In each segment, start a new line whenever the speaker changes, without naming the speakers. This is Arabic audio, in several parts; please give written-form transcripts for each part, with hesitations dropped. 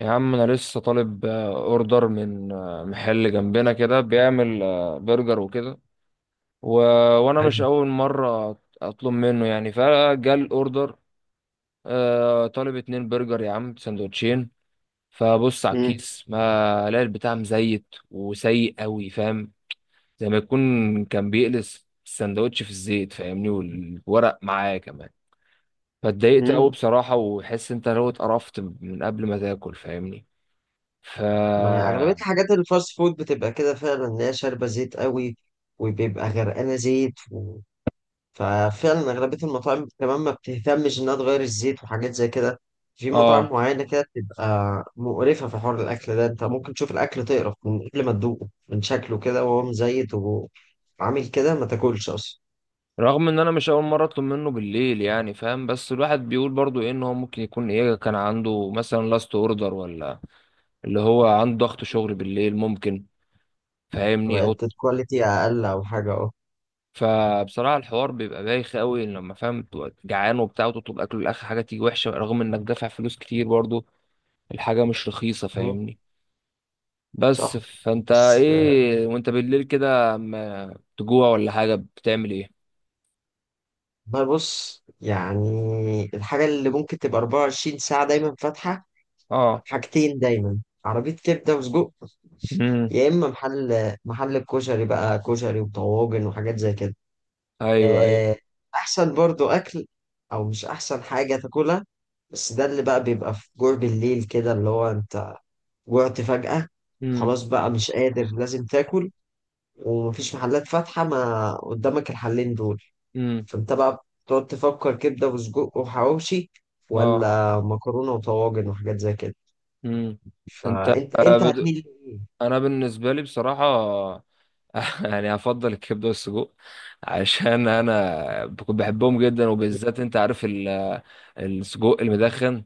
يا عم انا لسه طالب، اوردر من محل جنبنا كده بيعمل برجر وكده و... وانا مش
حلو.
اول مره اطلب منه يعني فجال اوردر. طالب 2 برجر يا عم سندوتشين. فبص على
مم.
الكيس ما الاقي البتاع مزيت وسيء قوي فاهم. زي ما يكون كان بيقلس السندوتش في الزيت فاهمني والورق معاه كمان. فاتضايقت قوي
مم.
بصراحه، وحس انت لو اتقرفت من قبل ما تاكل فاهمني. ف
ما أغلبية الحاجات الفاست فود بتبقى كده فعلا اللي هي شاربة زيت قوي، وبيبقى غرقانة زيت و ففعلا أغلبية المطاعم كمان ما بتهتمش إنها تغير الزيت وحاجات زي كده. في مطاعم
اه
معينة كده بتبقى مقرفة. في حوار الأكل ده أنت ممكن تشوف الأكل تقرف من قبل ما تدوقه، من شكله كده وهو مزيت وعامل كده ما تاكلش أصلا.
رغم ان انا مش اول مره اطلب منه بالليل يعني فاهم، بس الواحد بيقول برضو ايه ان هو ممكن يكون ايه كان عنده مثلا لاست اوردر، ولا اللي هو عنده ضغط شغل بالليل ممكن. فاهمني او
بقت الكواليتي أقل أو حاجة، أه.
فبصراحه الحوار بيبقى بايخ قوي لما فاهم بتبقى جعان وبتاع وتطلب اكل، الاخر حاجه تيجي وحشه رغم انك دافع فلوس كتير برضو. الحاجه مش رخيصه
مم.
فاهمني. بس
صح.
فانت
بس
ايه وانت بالليل كده اما تجوع ولا حاجه بتعمل ايه؟
والله بص يعني الحاجة اللي ممكن تبقى 24 ساعة دايما فاتحة،
اه.
حاجتين دايما: عربية كبدة وسجق،
امم.
يا إما محل الكشري بقى، كشري وطواجن وحاجات زي كده.
ايوه، ايوه.
آه، أحسن برضو أكل، أو مش أحسن حاجة تاكلها، بس ده اللي بقى بيبقى في جوع بالليل كده، اللي هو أنت جوعت فجأة،
امم.
خلاص بقى مش قادر لازم تاكل، ومفيش محلات فاتحة ما قدامك الحلين دول.
امم.
فانت بقى بتقعد تفكر كبده وسجق وحواوشي،
اه.
ولا مكرونه وطواجن وحاجات زي كده.
مم. انت
فانت
آه،
انت
بد...
هتميل لايه؟
انا بالنسبه لي بصراحه. يعني هفضل الكبده والسجق عشان انا بكون بحبهم جدا، وبالذات انت عارف السجق المدخن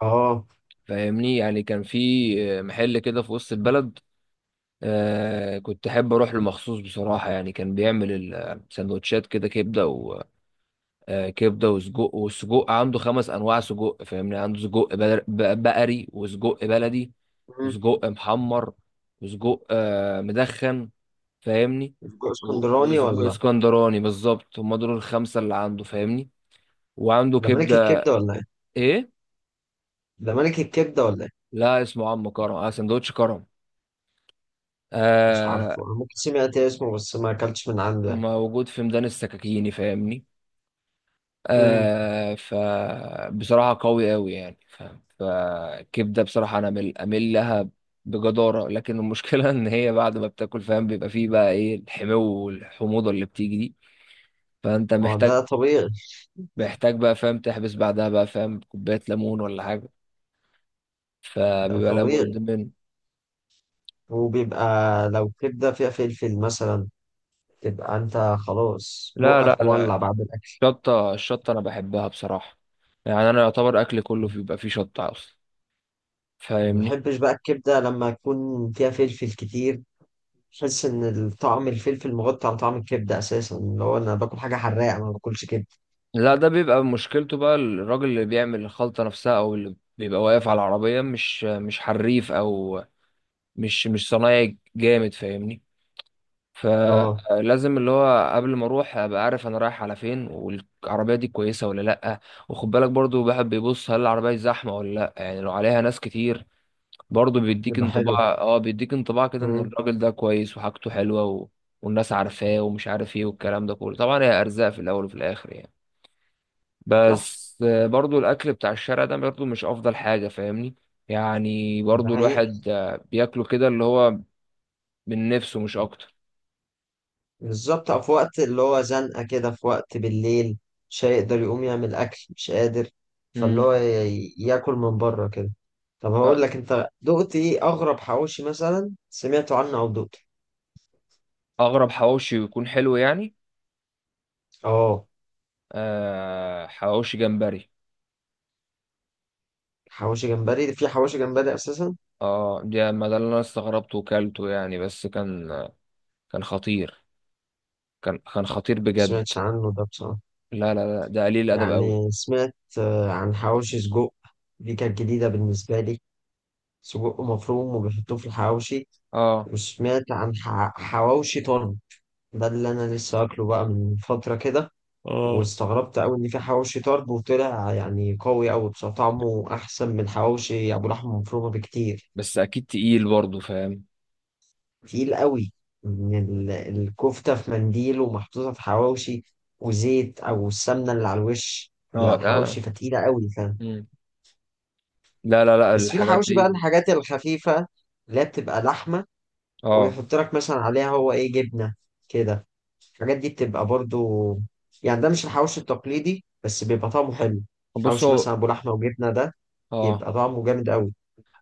اه.
فاهمني. يعني كان في محل كده في وسط البلد، كنت احب اروح له مخصوص بصراحه. يعني كان بيعمل السندوتشات كده كبده، كبده وسجق. والسجق عنده 5 انواع سجق فاهمني، عنده سجق بقري، وسجق بلدي،
مم.
وسجق محمر، وسجق مدخن فاهمني.
سجق
و-
اسكندراني
وسجق
ولا؟
اسكندراني بالظبط، هم دول الخمسه اللي عنده فاهمني. وعنده
ده ملك
كبده.
الكبده ولا ايه؟
ايه.
ده ملك الكبده ولا ايه؟
لا، اسمه عم كرم، سندوتش كرم.
مش
آه
عارفه، انا ممكن سمعت إيه اسمه بس ما اكلتش من عنده يعني.
موجود في ميدان السكاكيني فاهمني.
امم.
فبصراحة قوي قوي يعني فاهم، فالكبدة بصراحة أنا أمل أمل لها بجدارة. لكن المشكلة إن هي بعد ما بتاكل فاهم، بيبقى فيه بقى إيه الحمو والحموضة اللي بتيجي دي. فأنت
هو
محتاج
ده طبيعي.
محتاج بقى فاهم تحبس بعدها بقى فاهم كوباية ليمون ولا حاجة.
ده
فبيبقى
طبيعي،
لابد منه.
وبيبقى لو كبده فيها فلفل مثلا، تبقى انت خلاص
لا، لا،
بقك
لا،
مولع بعد الاكل.
الشطة الشطة أنا بحبها بصراحة. يعني أنا يعتبر أكلي كله بيبقى فيه شطة أصلا
ما
فاهمني.
بحبش بقى الكبده لما يكون فيها فلفل كتير، بحس ان الطعم الفلفل مغطي على طعم الكبده اساسا، اللي هو انا باكل حاجه حراقه ما باكلش كبده.
لا، ده بيبقى مشكلته بقى الراجل اللي بيعمل الخلطة نفسها، او اللي بيبقى واقف على العربية مش حريف، او مش صنايعي جامد فاهمني.
اه.
فلازم اللي هو قبل ما اروح ابقى عارف انا رايح على فين والعربية دي كويسة ولا لا. وخد بالك برضو الواحد بيبص هل العربية دي زحمة ولا لا. يعني لو عليها ناس كتير برضو بيديك
بيبقى
انطباع،
حلو.
اه بيديك انطباع كده ان
مم.
الراجل ده كويس وحاجته حلوة والناس عارفاه ومش عارف ايه والكلام ده كله. طبعا هي ارزاق في الاول وفي الاخر يعني.
صح.
بس برضو الاكل بتاع الشارع ده برضو مش افضل حاجه فاهمني. يعني
ده
برضو
حقيقي.
الواحد بياكله كده اللي هو من نفسه مش اكتر.
بالظبط، أو في وقت اللي هو زنقه كده، في وقت بالليل مش هيقدر يقوم يعمل اكل، مش قادر، فاللي
مم.
هو ياكل من بره كده. طب هقول
أ-
لك، انت دقت ايه اغرب حواوشي مثلا سمعته عنه او دقته؟
اغرب حواوشي يكون حلو يعني؟
اه.
حواوشي جمبري.
حواوشي جمبري؟ في حواوشي جمبري اساسا، ما
اه ده ما ده اللي انا استغربته وكلته يعني. بس كان كان خطير. كان خطير بجد.
سمعتش عنه ده بصراحه.
لا، لا، لا، ده قليل الادب قوي.
يعني سمعت عن حواوشي سجق، دي كانت جديدة بالنسبة لي، سجق مفروم وبيحطوه في الحواوشي.
اه.
وسمعت عن حواوشي طرب، ده اللي أنا لسه أكله بقى من فترة كده،
اه.
واستغربت أوي إن في حواوشي طرب، وطلع يعني قوي أوي بصراحة، طعمه أحسن من حواوشي أبو لحمة مفرومة بكتير.
بس اكيد تقيل برضه فاهم.
تقيل أوي، إن الكفتة في منديل ومحطوطة في حواوشي، وزيت أو السمنة اللي على الوش اللي
اه.
على
لا.
الحواوشي، فتقيلة أوي.
مم. لا، لا، لا،
بس في
الحاجات
الحواوشي بقى
دي.
الحاجات الخفيفة اللي هي بتبقى لحمة،
اه.
ويحط لك مثلا عليها هو ايه، جبنة كده. الحاجات دي بتبقى برضو، يعني ده مش الحواوشي التقليدي بس بيبقى طعمه حلو.
بص
حواوشي مثلا
هو.
ابو لحمة وجبنة ده،
اه،
بيبقى طعمه جامد قوي.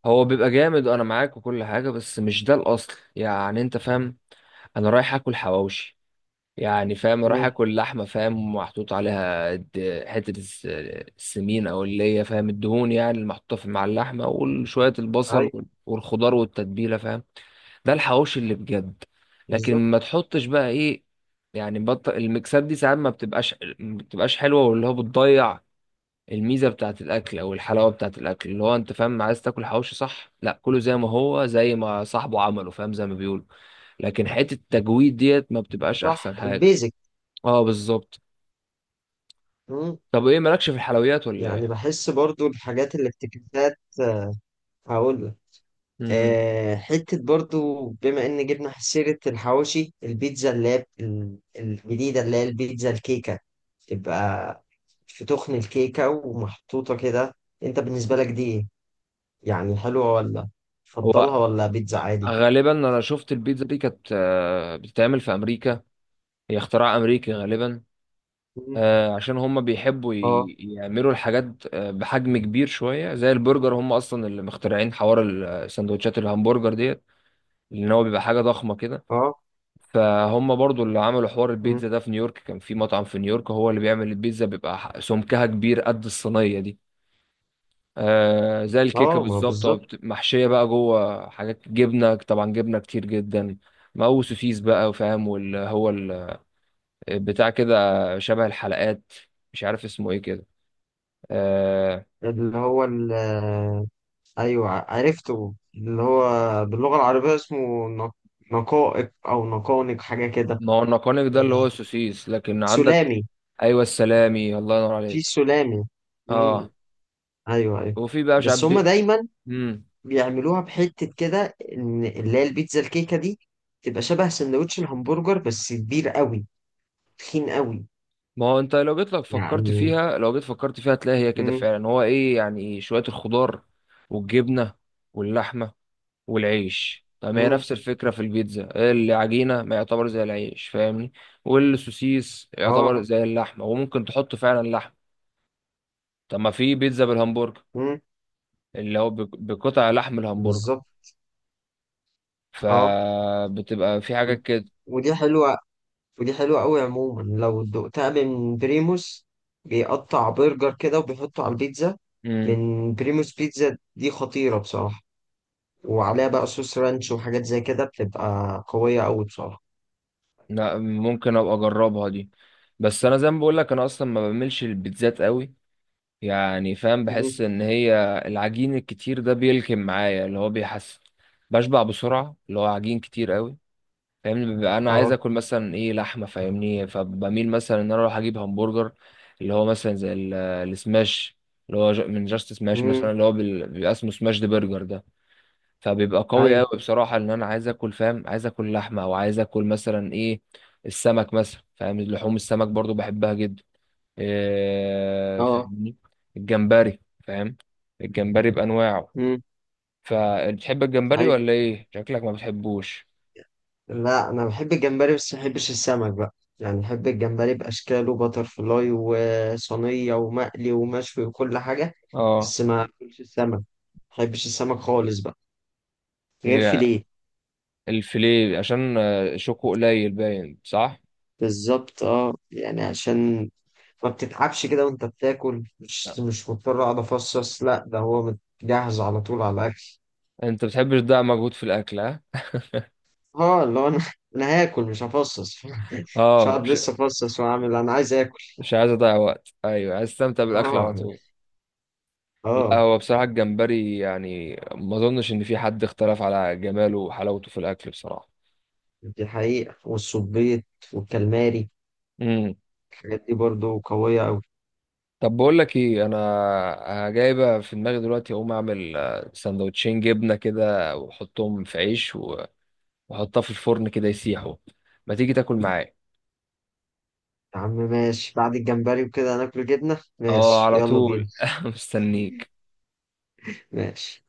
هو بيبقى جامد وانا معاك وكل حاجه، بس مش ده الاصل يعني انت فاهم. انا رايح اكل حواوشي، يعني فاهم رايح
امم.
اكل لحمه فاهم، محطوط عليها حته السمين، او اللي هي فاهم الدهون يعني المحطوطه في مع اللحمه، وشويه البصل
ايوه.
والخضار والتتبيله فاهم. ده الحواوشي اللي بجد.
بالظبط.
لكن ما تحطش بقى ايه، يعني الميكسات دي ساعات ما بتبقاش حلوه، واللي هو بتضيع الميزه بتاعت الاكل او الحلاوه بتاعت الاكل. اللي هو انت فاهم عايز تاكل حواوشي، صح؟ لا كله زي ما هو، زي ما صاحبه عمله فاهم، زي ما بيقولوا. لكن حته التجويد ديت ما بتبقاش احسن
صح،
حاجه.
البيزك.
اه بالظبط.
امم.
طب ايه مالكش في الحلويات ولا
يعني
ايه؟
بحس برضو الحاجات اللي افتكاسات، هقول
امم.
حتة برضو، بما إن جبنا سيرة الحواوشي، البيتزا اللي هي الجديدة، اللي هي البيتزا الكيكة، تبقى في تخن الكيكة ومحطوطة كده. أنت بالنسبة لك دي إيه؟ يعني حلوة، ولا
هو
تفضلها، ولا بيتزا عادي؟
غالبا انا شفت البيتزا دي كانت بتتعمل في امريكا. هي اختراع امريكي غالبا.
مم.
عشان هم بيحبوا
اه.
يعملوا الحاجات بحجم كبير شويه زي البرجر. هم اصلا اللي مخترعين حوار السندوتشات الهمبرجر ديت، لان هو بيبقى حاجه ضخمه كده.
اه.
فهم برضو اللي عملوا حوار
مم.
البيتزا ده في نيويورك. كان في مطعم في نيويورك هو اللي بيعمل البيتزا، بيبقى سمكها كبير قد الصينية دي. زي الكيكة
اه، ما هو
بالظبط، أو
بالظبط.
محشية بقى جوه حاجات جبنة، طبعا جبنة كتير جدا. مو سوسيس بقى وفاهم واللي هو بتاع كده، شبه الحلقات، مش عارف اسمه ايه كده. آه.
اللي هو ال آه، أيوه عرفته، اللي هو باللغة العربية اسمه نقائق أو نقانق حاجة كده.
ما هو النقانق ده اللي هو
آه،
السوسيس، لكن عندك
سلامي.
ايوه السلامي، الله ينور
في
عليك.
سلامة. امم.
اه.
ايوه ايوه.
وفي بقى مش عارف
بس هما دايما
مم.
بيعملوها بحتة كده، ان اللي هي البيتزا الكيكة دي تبقى شبه سندوتش الهمبرجر بس كبير قوي، تخين قوي.
ما هو انت لو جيت لك فكرت
يعني.
فيها، لو جيت فكرت فيها هتلاقي هي كده
امم.
فعلا، هو ايه يعني شوية الخضار والجبنة واللحمة والعيش. طب ما هي
امم.
نفس الفكرة في البيتزا، العجينة ما يعتبر زي العيش فاهمني، والسوسيس يعتبر
اه.
زي اللحمة، وممكن تحط فعلا لحم. طب ما في بيتزا بالهمبرجر،
امم.
اللي هو بقطع لحم الهمبرجر،
بالظبط. اه.
فبتبقى في
ود-
حاجات كده.
ودي حلوة. ودي حلوة قوي عموما، لو دقتها من بريموس، بيقطع برجر كده وبيحطه على البيتزا.
امم.
من بريموس، بيتزا دي خطيرة بصراحة، وعليها بقى صوص رانش وحاجات زي كده، بتبقى قوية أوي بصراحة.
لا، ممكن ابقى اجربها دي. بس انا زي ما بقول لك انا اصلا ما بعملش البيتزات قوي، يعني فاهم
مم.
بحس ان هي العجين الكتير ده بيلكم معايا، اللي هو بيحس بشبع بسرعه، اللي هو عجين كتير قوي فاهمني. ببقى انا عايز
اه.
اكل مثلا ايه لحمه فاهمني، فبميل مثلا ان انا اروح اجيب همبرجر، اللي هو مثلا زي السماش، اللي هو من جاست سماش مثلا
مم.
اللي هو بيبقى اسمه سماش دي برجر ده. فبيبقى قوي
أيوه.
قوي بصراحه ان انا عايز اكل فاهم، عايز اكل لحمه، او عايز اكل مثلا ايه السمك مثلا فاهم. لحوم السمك برضو بحبها جدا،
اه.
فاهمني، الجمبري فاهم، الجمبري بأنواعه.
مم.
فبتحب الجمبري
أيوه،
ولا ايه؟ شكلك ما بتحبوش.
لا أنا بحب الجمبري بس ما بحبش السمك بقى، يعني بحب الجمبري بأشكاله، باتر فلاي وصينية ومقلي ومشوي وكل حاجة،
اه.
بس ما بحبش السمك، ما بحبش السمك خالص بقى، غير
هي
فيليه.
الفيليه عشان شوكه قليل باين، صح؟
بالظبط، اه، يعني عشان ما بتتعبش كده وانت بتاكل،
لا.
مش مضطر اقعد افصص، لا ده هو جاهز على طول على الاكل.
انت بتحبش تضيع مجهود في الاكل، ها.
اه، اللي هو انا، انا هاكل مش هفصص، مش
اه،
هقعد
مش
لسه افصص واعمل، انا عايز اكل.
مش عايز اضيع وقت. ايوه عايز استمتع بالاكل على
اه.
طول. لا
اه.
هو بصراحة الجمبري يعني ما اظنش ان في حد اختلف على جماله وحلاوته في الاكل بصراحة.
دي حقيقة، والسبيط والكالماري،
مم.
الحاجات دي برضو قوية أوي.
طب بقول لك ايه، انا جايبه في دماغي دلوقتي اقوم اعمل سندوتشين جبنه كده واحطهم في عيش واحطها في الفرن كده يسيحوا. ما تيجي تاكل معايا.
يا عم ماشي، بعد الجمبري وكده هناكل جبنة،
اه،
ماشي،
على
يلا بينا.
طول مستنيك.
ماشي.